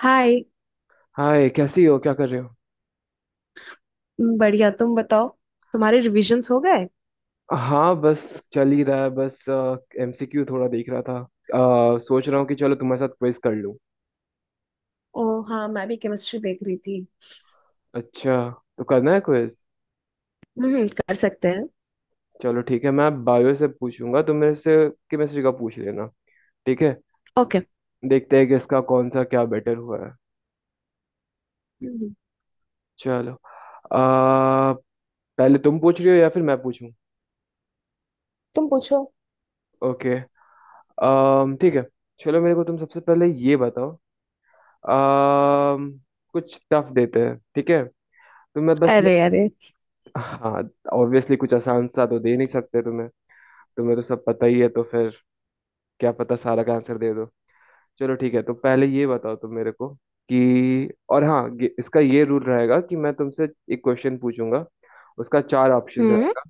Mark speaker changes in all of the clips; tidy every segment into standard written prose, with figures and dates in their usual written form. Speaker 1: हाय।
Speaker 2: Hi, कैसी हो? क्या कर रहे हो?
Speaker 1: बढ़िया, तुम बताओ। तुम्हारे रिविजन्स हो गए?
Speaker 2: हाँ, बस चल ही रहा है। बस एमसीक्यू थोड़ा देख रहा था। सोच रहा हूँ कि चलो तुम्हारे साथ क्विज कर लूँ।
Speaker 1: ओ हाँ, मैं भी केमिस्ट्री देख रही थी।
Speaker 2: अच्छा, तो करना है क्विज।
Speaker 1: हम्म, कर सकते हैं।
Speaker 2: चलो ठीक है, मैं बायो से पूछूंगा, तुम मेरे से केमिस्ट्री का पूछ लेना। ठीक है।
Speaker 1: ओके।
Speaker 2: देखते हैं कि इसका कौन सा क्या बेटर हुआ है।
Speaker 1: हम्म।
Speaker 2: चलो। अ, पहले तुम पूछ रही हो या फिर मैं पूछूं?
Speaker 1: तुम पूछो।
Speaker 2: ओके। ठीक है। चलो, मेरे को तुम सबसे पहले ये बताओ। अम, कुछ टफ देते हैं, ठीक है। तो मैं बस
Speaker 1: अरे
Speaker 2: मैं...
Speaker 1: अरे।
Speaker 2: हाँ। ऑब्वियसली कुछ आसान सा तो दे नहीं सकते तुम्हें। तुम्हें तो सब पता ही है, तो फिर क्या पता सारा का आंसर दे दो। चलो ठीक है, तो पहले ये बताओ तुम मेरे को कि, और हाँ, इसका ये रूल रहेगा कि मैं तुमसे एक क्वेश्चन पूछूंगा, उसका चार ऑप्शन
Speaker 1: हम्म।
Speaker 2: रहेगा।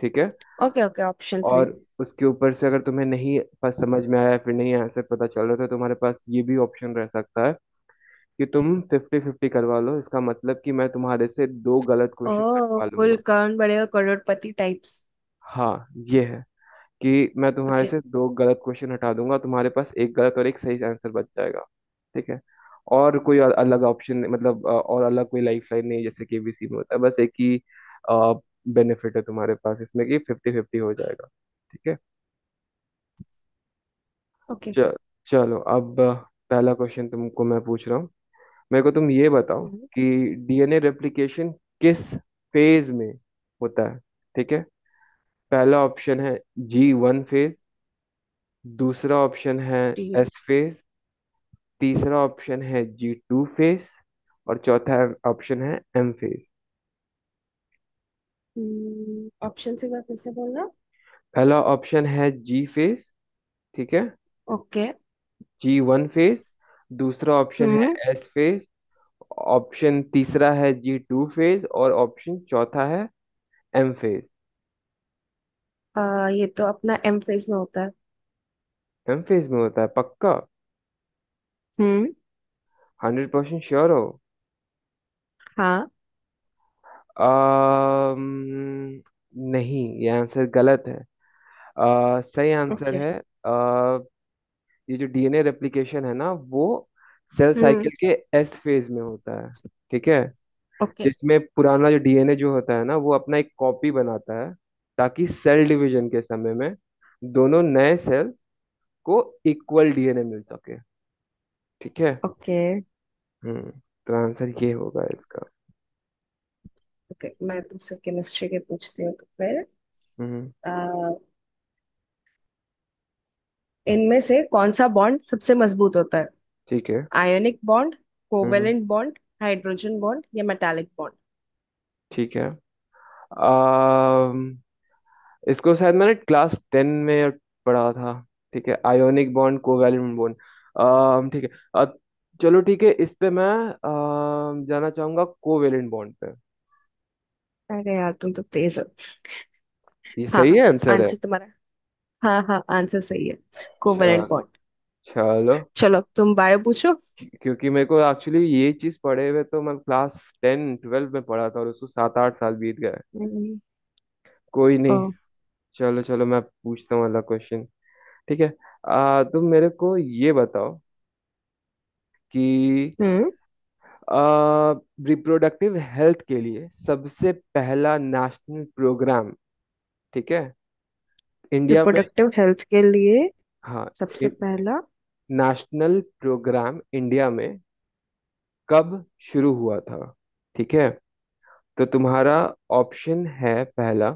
Speaker 2: ठीक है।
Speaker 1: ओके ओके, ऑप्शंस भी।
Speaker 2: और उसके ऊपर से अगर तुम्हें नहीं पास समझ में आया, फिर नहीं आंसर पता चल रहा, तो तुम्हारे पास ये भी ऑप्शन रह सकता है कि तुम फिफ्टी फिफ्टी करवा लो। इसका मतलब कि मैं तुम्हारे से दो गलत क्वेश्चन
Speaker 1: ओ,
Speaker 2: कटवा
Speaker 1: कुल
Speaker 2: लूंगा।
Speaker 1: कौन बड़ेगा करोड़पति टाइप्स।
Speaker 2: हाँ ये है कि मैं तुम्हारे
Speaker 1: ओके
Speaker 2: से दो गलत क्वेश्चन हटा दूंगा, तुम्हारे पास एक गलत और एक सही आंसर बच जाएगा। ठीक है। और कोई अलग ऑप्शन, मतलब और अलग कोई लाइफ लाइन नहीं जैसे कि एबीसी में होता है। बस एक ही बेनिफिट है तुम्हारे पास इसमें कि फिफ्टी फिफ्टी हो जाएगा। ठीक है।
Speaker 1: ओके।
Speaker 2: च- चलो, अब पहला क्वेश्चन तुमको मैं पूछ रहा हूँ। मेरे को तुम ये बताओ
Speaker 1: हम्म।
Speaker 2: कि डीएनए रेप्लिकेशन किस फेज में होता है? ठीक है। पहला ऑप्शन है जी वन फेज। दूसरा ऑप्शन है
Speaker 1: ठीक है।
Speaker 2: S phase. तीसरा ऑप्शन है जी टू फेस। और चौथा ऑप्शन है एम फेस।
Speaker 1: हम्म, ऑप्शन एक बार फिर से बोलना।
Speaker 2: पहला ऑप्शन है जी फेस, ठीक है,
Speaker 1: ओके।
Speaker 2: G one phase. दूसरा ऑप्शन है
Speaker 1: हम्म।
Speaker 2: S phase. ऑप्शन तीसरा है जी टू फेस, और ऑप्शन चौथा है एम फेस।
Speaker 1: ये तो अपना एम फेज में होता है।
Speaker 2: एम फेस में होता है पक्का?
Speaker 1: हम्म।
Speaker 2: 100% श्योर हो?
Speaker 1: हाँ।
Speaker 2: अम्म, नहीं, ये आंसर गलत है। सही आंसर
Speaker 1: ओके।
Speaker 2: है... आ, ये जो डीएनए रेप्लिकेशन है ना वो सेल साइकिल
Speaker 1: हम्म।
Speaker 2: के एस फेज में होता है। ठीक है।
Speaker 1: ओके
Speaker 2: जिसमें पुराना जो डीएनए जो होता है ना वो अपना एक कॉपी बनाता है, ताकि सेल डिवीजन के समय में दोनों नए सेल को इक्वल डीएनए मिल सके। ठीक है।
Speaker 1: ओके।
Speaker 2: हम्म, तो आंसर ये होगा इसका।
Speaker 1: ओके, मैं तुमसे केमिस्ट्री के पूछती हूँ तो फिर।
Speaker 2: हम्म।
Speaker 1: अ, इनमें से कौन सा बॉन्ड सबसे मजबूत होता है?
Speaker 2: ठीक है।
Speaker 1: आयोनिक बॉन्ड,
Speaker 2: हम्म,
Speaker 1: कोवेलेंट बॉन्ड, हाइड्रोजन बॉन्ड या मेटालिक बॉन्ड?
Speaker 2: ठीक है। आ, इसको शायद मैंने क्लास 10 में पढ़ा था। ठीक है, आयोनिक बॉन्ड, कोवैलेंट बॉन्ड... ठीक है। अ, चलो ठीक है, इस पे मैं जाना चाहूंगा कोवैलेंट बॉन्ड पे।
Speaker 1: अरे यार, तुम तो तेज हो।
Speaker 2: ये
Speaker 1: हाँ।
Speaker 2: सही है आंसर है?
Speaker 1: आंसर तुम्हारा। हाँ हाँ, आंसर सही है। कोवेलेंट
Speaker 2: चल,
Speaker 1: बॉन्ड।
Speaker 2: चलो।
Speaker 1: चलो, तुम बायो पूछो।
Speaker 2: क्योंकि मेरे को एक्चुअली ये चीज पढ़े हुए... तो मैं क्लास 10 12 में पढ़ा था और उसको 7 8 साल बीत गए।
Speaker 1: हम्म।
Speaker 2: कोई
Speaker 1: ओ।
Speaker 2: नहीं। चलो, चलो, मैं पूछता हूँ अगला क्वेश्चन। ठीक है। तुम मेरे को ये बताओ कि
Speaker 1: हम्म।
Speaker 2: रिप्रोडक्टिव हेल्थ के लिए सबसे पहला नेशनल प्रोग्राम, ठीक है, इंडिया में...
Speaker 1: रिप्रोडक्टिव हेल्थ के लिए
Speaker 2: हाँ,
Speaker 1: सबसे पहला।
Speaker 2: नेशनल प्रोग्राम इंडिया में कब शुरू हुआ था? ठीक है। तो तुम्हारा ऑप्शन है पहला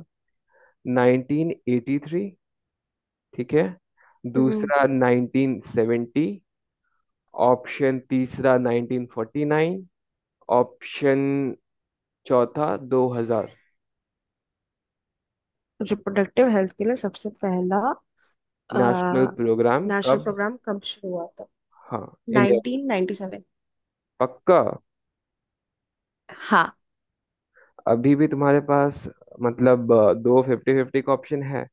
Speaker 2: 1983, ठीक है।
Speaker 1: हम्म।
Speaker 2: दूसरा 1970। ऑप्शन तीसरा 1949। ऑप्शन चौथा 2000।
Speaker 1: रिप्रोडक्टिव हेल्थ के लिए सबसे पहला
Speaker 2: नेशनल प्रोग्राम
Speaker 1: नेशनल
Speaker 2: कब...
Speaker 1: प्रोग्राम कब शुरू हुआ था?
Speaker 2: हाँ। इंडिया।
Speaker 1: Nineteen ninety seven.
Speaker 2: पक्का?
Speaker 1: हाँ।
Speaker 2: अभी भी तुम्हारे पास, मतलब दो फिफ्टी फिफ्टी का ऑप्शन है,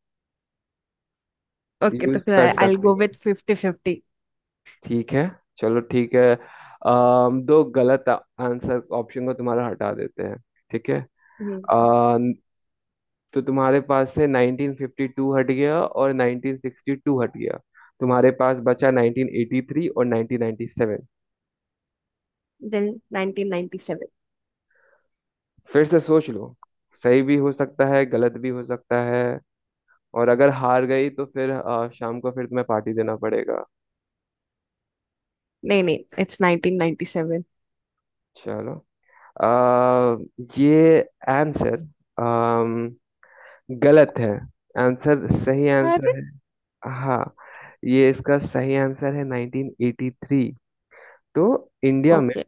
Speaker 1: ओके, तो
Speaker 2: यूज
Speaker 1: फिर
Speaker 2: कर
Speaker 1: आई विल
Speaker 2: सकती,
Speaker 1: गो
Speaker 2: बिल्कुल
Speaker 1: विथ फिफ्टी फिफ्टी।
Speaker 2: हो, ठीक है। चलो ठीक है, दो गलत आंसर ऑप्शन को तुम्हारा हटा देते हैं, ठीक है। अ, तो तुम्हारे पास से 1952 हट गया और 1962 हट गया, तुम्हारे पास बचा 1983 और 1997।
Speaker 1: Then nineteen ninety seven.
Speaker 2: फिर से सोच लो, सही भी हो सकता है गलत भी हो सकता है, और अगर हार गई तो फिर शाम को फिर तुम्हें पार्टी देना पड़ेगा।
Speaker 1: नहीं नहीं, इट्स नाइनटीन नाइनटी सेवन।
Speaker 2: चलो। आ, ये आंसर गलत है। आंसर सही
Speaker 1: अरे।
Speaker 2: आंसर है। हाँ, ये इसका सही आंसर है 1983। तो इंडिया में
Speaker 1: ओके।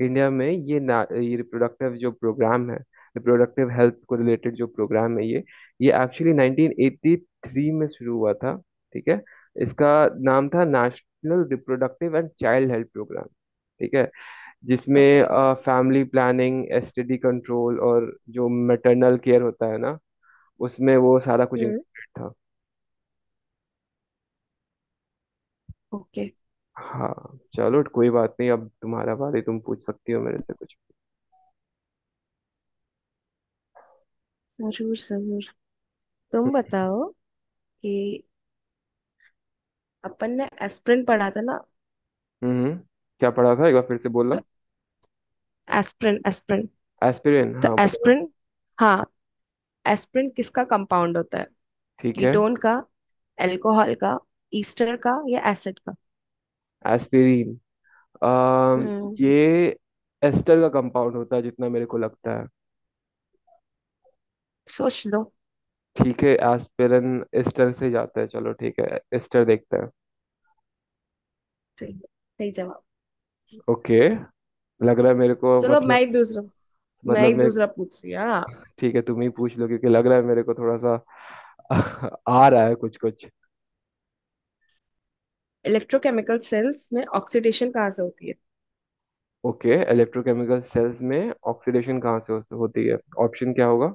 Speaker 2: इंडिया में ये ना, ये रिप्रोडक्टिव जो प्रोग्राम है, रिप्रोडक्टिव हेल्थ को रिलेटेड जो प्रोग्राम है ये एक्चुअली 1983 में शुरू हुआ था। ठीक है। इसका नाम था national reproductive and child health programme. ठीक है। जिसमें
Speaker 1: okay.
Speaker 2: Family planning, STD control, और जो मैटरनल केयर होता है ना, उसमें वो सारा कुछ
Speaker 1: हम्म।
Speaker 2: इंक्लूडेड था।
Speaker 1: ओके।
Speaker 2: हाँ, चलो कोई बात नहीं। अब तुम्हारा बारी, तुम पूछ सकती हो मेरे से कुछ।
Speaker 1: जरूर जरूर। तुम बताओ कि अपन ने एस्पिरिन पढ़ा था ना।
Speaker 2: हम्म, क्या पढ़ा था एक बार फिर से
Speaker 1: तो
Speaker 2: बोलना?
Speaker 1: Aspirin, aspirin.
Speaker 2: एस्पिरिन,
Speaker 1: तो
Speaker 2: हाँ, बताओ।
Speaker 1: एस्पिरिन, हाँ। एस्पिरिन किसका कंपाउंड होता है?
Speaker 2: ठीक है,
Speaker 1: कीटोन का, अल्कोहल का, ईस्टर का या एसिड का?
Speaker 2: एस्पिरिन। अम
Speaker 1: हम्म।
Speaker 2: ये एस्टर का कंपाउंड होता है जितना मेरे को लगता है।
Speaker 1: सोच लो।
Speaker 2: ठीक है, एस्पिरिन एस्टर से जाता है, चलो ठीक है, एस्टर देखते हैं।
Speaker 1: सही। सही जवाब।
Speaker 2: ओके। लग रहा है मेरे को,
Speaker 1: चलो, मैं
Speaker 2: मतलब...
Speaker 1: ही दूसरा। मैं
Speaker 2: मतलब
Speaker 1: एक
Speaker 2: मैं...
Speaker 1: दूसरा पूछ रही हूँ, हाँ।
Speaker 2: ठीक है, तुम ही पूछ लो, क्योंकि लग रहा है मेरे को थोड़ा सा आ रहा है, कुछ कुछ।
Speaker 1: इलेक्ट्रोकेमिकल सेल्स में ऑक्सीडेशन कहाँ से होती है?
Speaker 2: ओके, इलेक्ट्रोकेमिकल सेल्स में ऑक्सीडेशन कहाँ से होती है? ऑप्शन क्या होगा?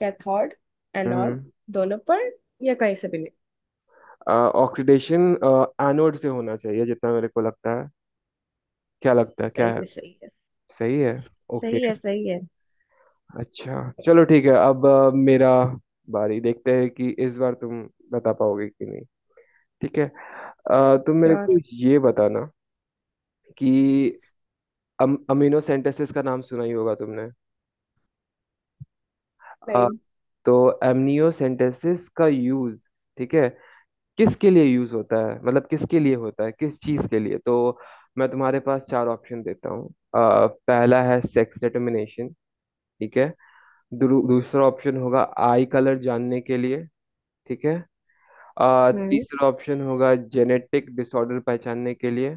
Speaker 1: कैथोड, एनोड,
Speaker 2: हम्म।
Speaker 1: दोनों पर, या कहीं से भी नहीं?
Speaker 2: ऑक्सीडेशन एनोड से होना चाहिए जितना मेरे को लगता है। क्या लगता है क्या
Speaker 1: सही
Speaker 2: है?
Speaker 1: है सही है।
Speaker 2: सही है? ओके।
Speaker 1: सही है सही है।
Speaker 2: अच्छा चलो ठीक है, अब मेरा बारी, देखते हैं कि इस बार तुम बता पाओगे कि नहीं। ठीक है। तुम मेरे
Speaker 1: श्योर।
Speaker 2: को ये बताना कि अमीनो सेंटेसिस का नाम सुना ही होगा तुमने?
Speaker 1: नहीं।
Speaker 2: तो एमनियोसेंटेसिस का यूज, ठीक है, किसके लिए यूज होता है, मतलब किसके लिए होता है, किस चीज के लिए? तो मैं तुम्हारे पास चार ऑप्शन देता हूँ। पहला है सेक्स डिटर्मिनेशन, ठीक है। दूसरा ऑप्शन होगा आई कलर जानने के लिए, ठीक है।
Speaker 1: हम्म।
Speaker 2: तीसरा ऑप्शन होगा जेनेटिक डिसऑर्डर पहचानने के लिए,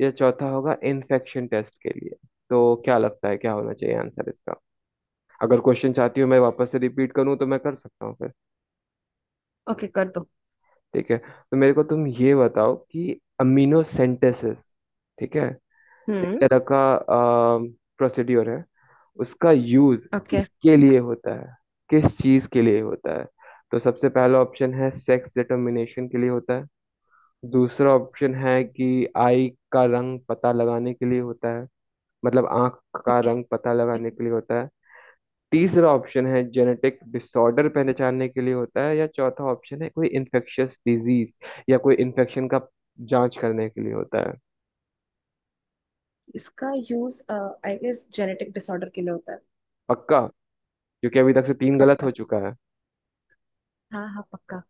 Speaker 2: या चौथा होगा इन्फेक्शन टेस्ट के लिए। तो क्या लगता है क्या होना चाहिए आंसर इसका? अगर क्वेश्चन चाहती हो मैं वापस से रिपीट करूँ तो मैं कर सकता हूँ फिर।
Speaker 1: ओके कर दो।
Speaker 2: ठीक है, तो मेरे को तुम ये बताओ कि अमीनो सेंटेसिस, ठीक है, एक
Speaker 1: हम्म।
Speaker 2: तरह का प्रोसीड्योर है। उसका यूज
Speaker 1: ओके।
Speaker 2: किसके लिए होता है, किस चीज के लिए होता है? तो सबसे पहला ऑप्शन है सेक्स डिटरमिनेशन के लिए होता है। दूसरा ऑप्शन है कि आई का रंग पता लगाने के लिए होता है, मतलब आंख का
Speaker 1: ओके,
Speaker 2: रंग पता लगाने के लिए होता है। तीसरा ऑप्शन है जेनेटिक डिसऑर्डर पहचानने के लिए होता है, या चौथा ऑप्शन है कोई इन्फेक्शियस डिजीज या कोई इन्फेक्शन का जांच करने के लिए होता है।
Speaker 1: इसका use I guess genetic disorder के लिए होता है।
Speaker 2: पक्का? क्योंकि अभी तक से तीन गलत
Speaker 1: पक्का।
Speaker 2: हो चुका है।
Speaker 1: हाँ हाँ, पक्का।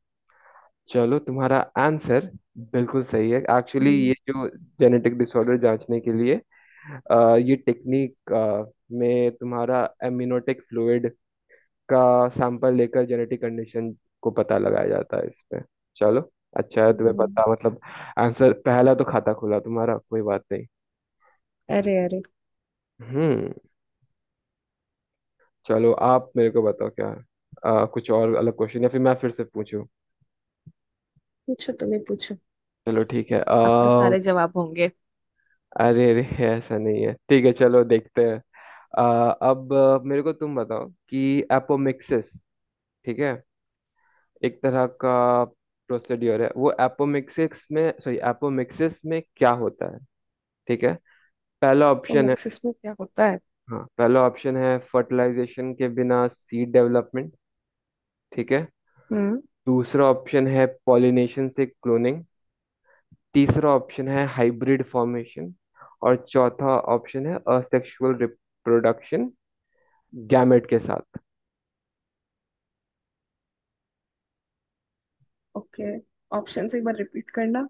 Speaker 2: चलो, तुम्हारा आंसर बिल्कुल सही है। एक्चुअली ये
Speaker 1: हम्म
Speaker 2: जो जेनेटिक डिसऑर्डर जांचने के लिए ये टेक्निक में, तुम्हारा एमनियोटिक फ्लूइड का सैंपल लेकर जेनेटिक कंडीशन को पता लगाया जाता है इसमें। चलो, अच्छा है तुम्हें
Speaker 1: हम्म।
Speaker 2: पता, मतलब... आंसर पहला तो खाता खुला तुम्हारा, कोई बात नहीं।
Speaker 1: अरे अरे।
Speaker 2: हम्म, चलो आप मेरे को बताओ क्या है? कुछ और अलग क्वेश्चन या फिर मैं फिर से पूछूं?
Speaker 1: पूछो, तुम्हें पूछो।
Speaker 2: चलो ठीक है।
Speaker 1: अब तो सारे जवाब होंगे।
Speaker 2: अरे अरे, ऐसा नहीं है, ठीक है, चलो देखते हैं। अ, अब मेरे को तुम बताओ कि एपोमिक्सिस, ठीक है, एक तरह का प्रोसीड्योर है वो। एपोमिक्सिस में, सॉरी, एपोमिक्सिस में क्या होता है? ठीक है। पहला
Speaker 1: तो
Speaker 2: ऑप्शन है...
Speaker 1: नेक्सस में क्या होता है?
Speaker 2: हाँ, पहला ऑप्शन है फर्टिलाइजेशन के बिना सीड डेवलपमेंट, ठीक है।
Speaker 1: हम्म।
Speaker 2: दूसरा ऑप्शन है पॉलिनेशन से क्लोनिंग। तीसरा ऑप्शन है हाइब्रिड फॉर्मेशन। और चौथा ऑप्शन है असेक्सुअल रिप्रोडक्शन गैमेट के साथ।
Speaker 1: ओके, ऑप्शन एक बार रिपीट करना।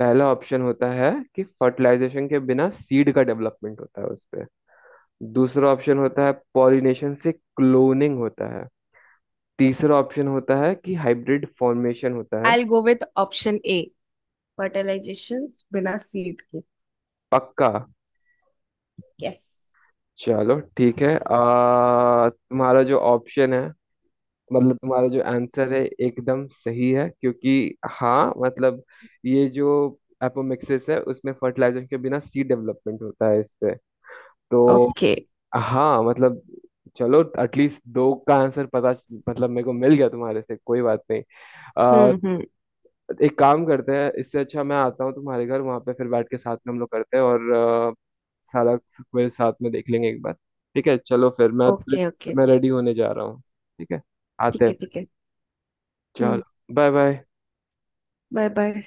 Speaker 2: पहला ऑप्शन होता है कि फर्टिलाइजेशन के बिना सीड का डेवलपमेंट होता है उस पे। दूसरा ऑप्शन होता है पॉलिनेशन से क्लोनिंग होता है। तीसरा ऑप्शन होता है कि हाइब्रिड फॉर्मेशन होता है।
Speaker 1: I'll go with option A. Fertilization बिना सीड के।
Speaker 2: पक्का?
Speaker 1: यस।
Speaker 2: चलो ठीक है। तुम्हारा जो ऑप्शन है, मतलब तुम्हारा जो आंसर है, एकदम सही है, क्योंकि हाँ मतलब ये जो एपोमिक्सिस है उसमें फर्टिलाइजेशन के बिना सीड डेवलपमेंट होता है इस पे। तो
Speaker 1: ओके।
Speaker 2: हाँ मतलब, चलो एटलीस्ट दो का आंसर पता, मतलब मेरे को मिल गया तुम्हारे से, कोई बात नहीं।
Speaker 1: हम्म। हम्म।
Speaker 2: एक काम करते हैं, इससे अच्छा मैं आता हूँ तुम्हारे घर वहां पे, फिर बैठ के साथ में हम लोग करते हैं, और अ, सारा क्विज साथ में देख लेंगे एक बार। ठीक है, चलो फिर मैं...
Speaker 1: ओके ओके।
Speaker 2: मैं रेडी होने जा रहा हूँ, ठीक है, आते
Speaker 1: ठीक
Speaker 2: हैं
Speaker 1: है
Speaker 2: फिर।
Speaker 1: ठीक है।
Speaker 2: चलो
Speaker 1: हम्म।
Speaker 2: Bye bye.
Speaker 1: Bye bye.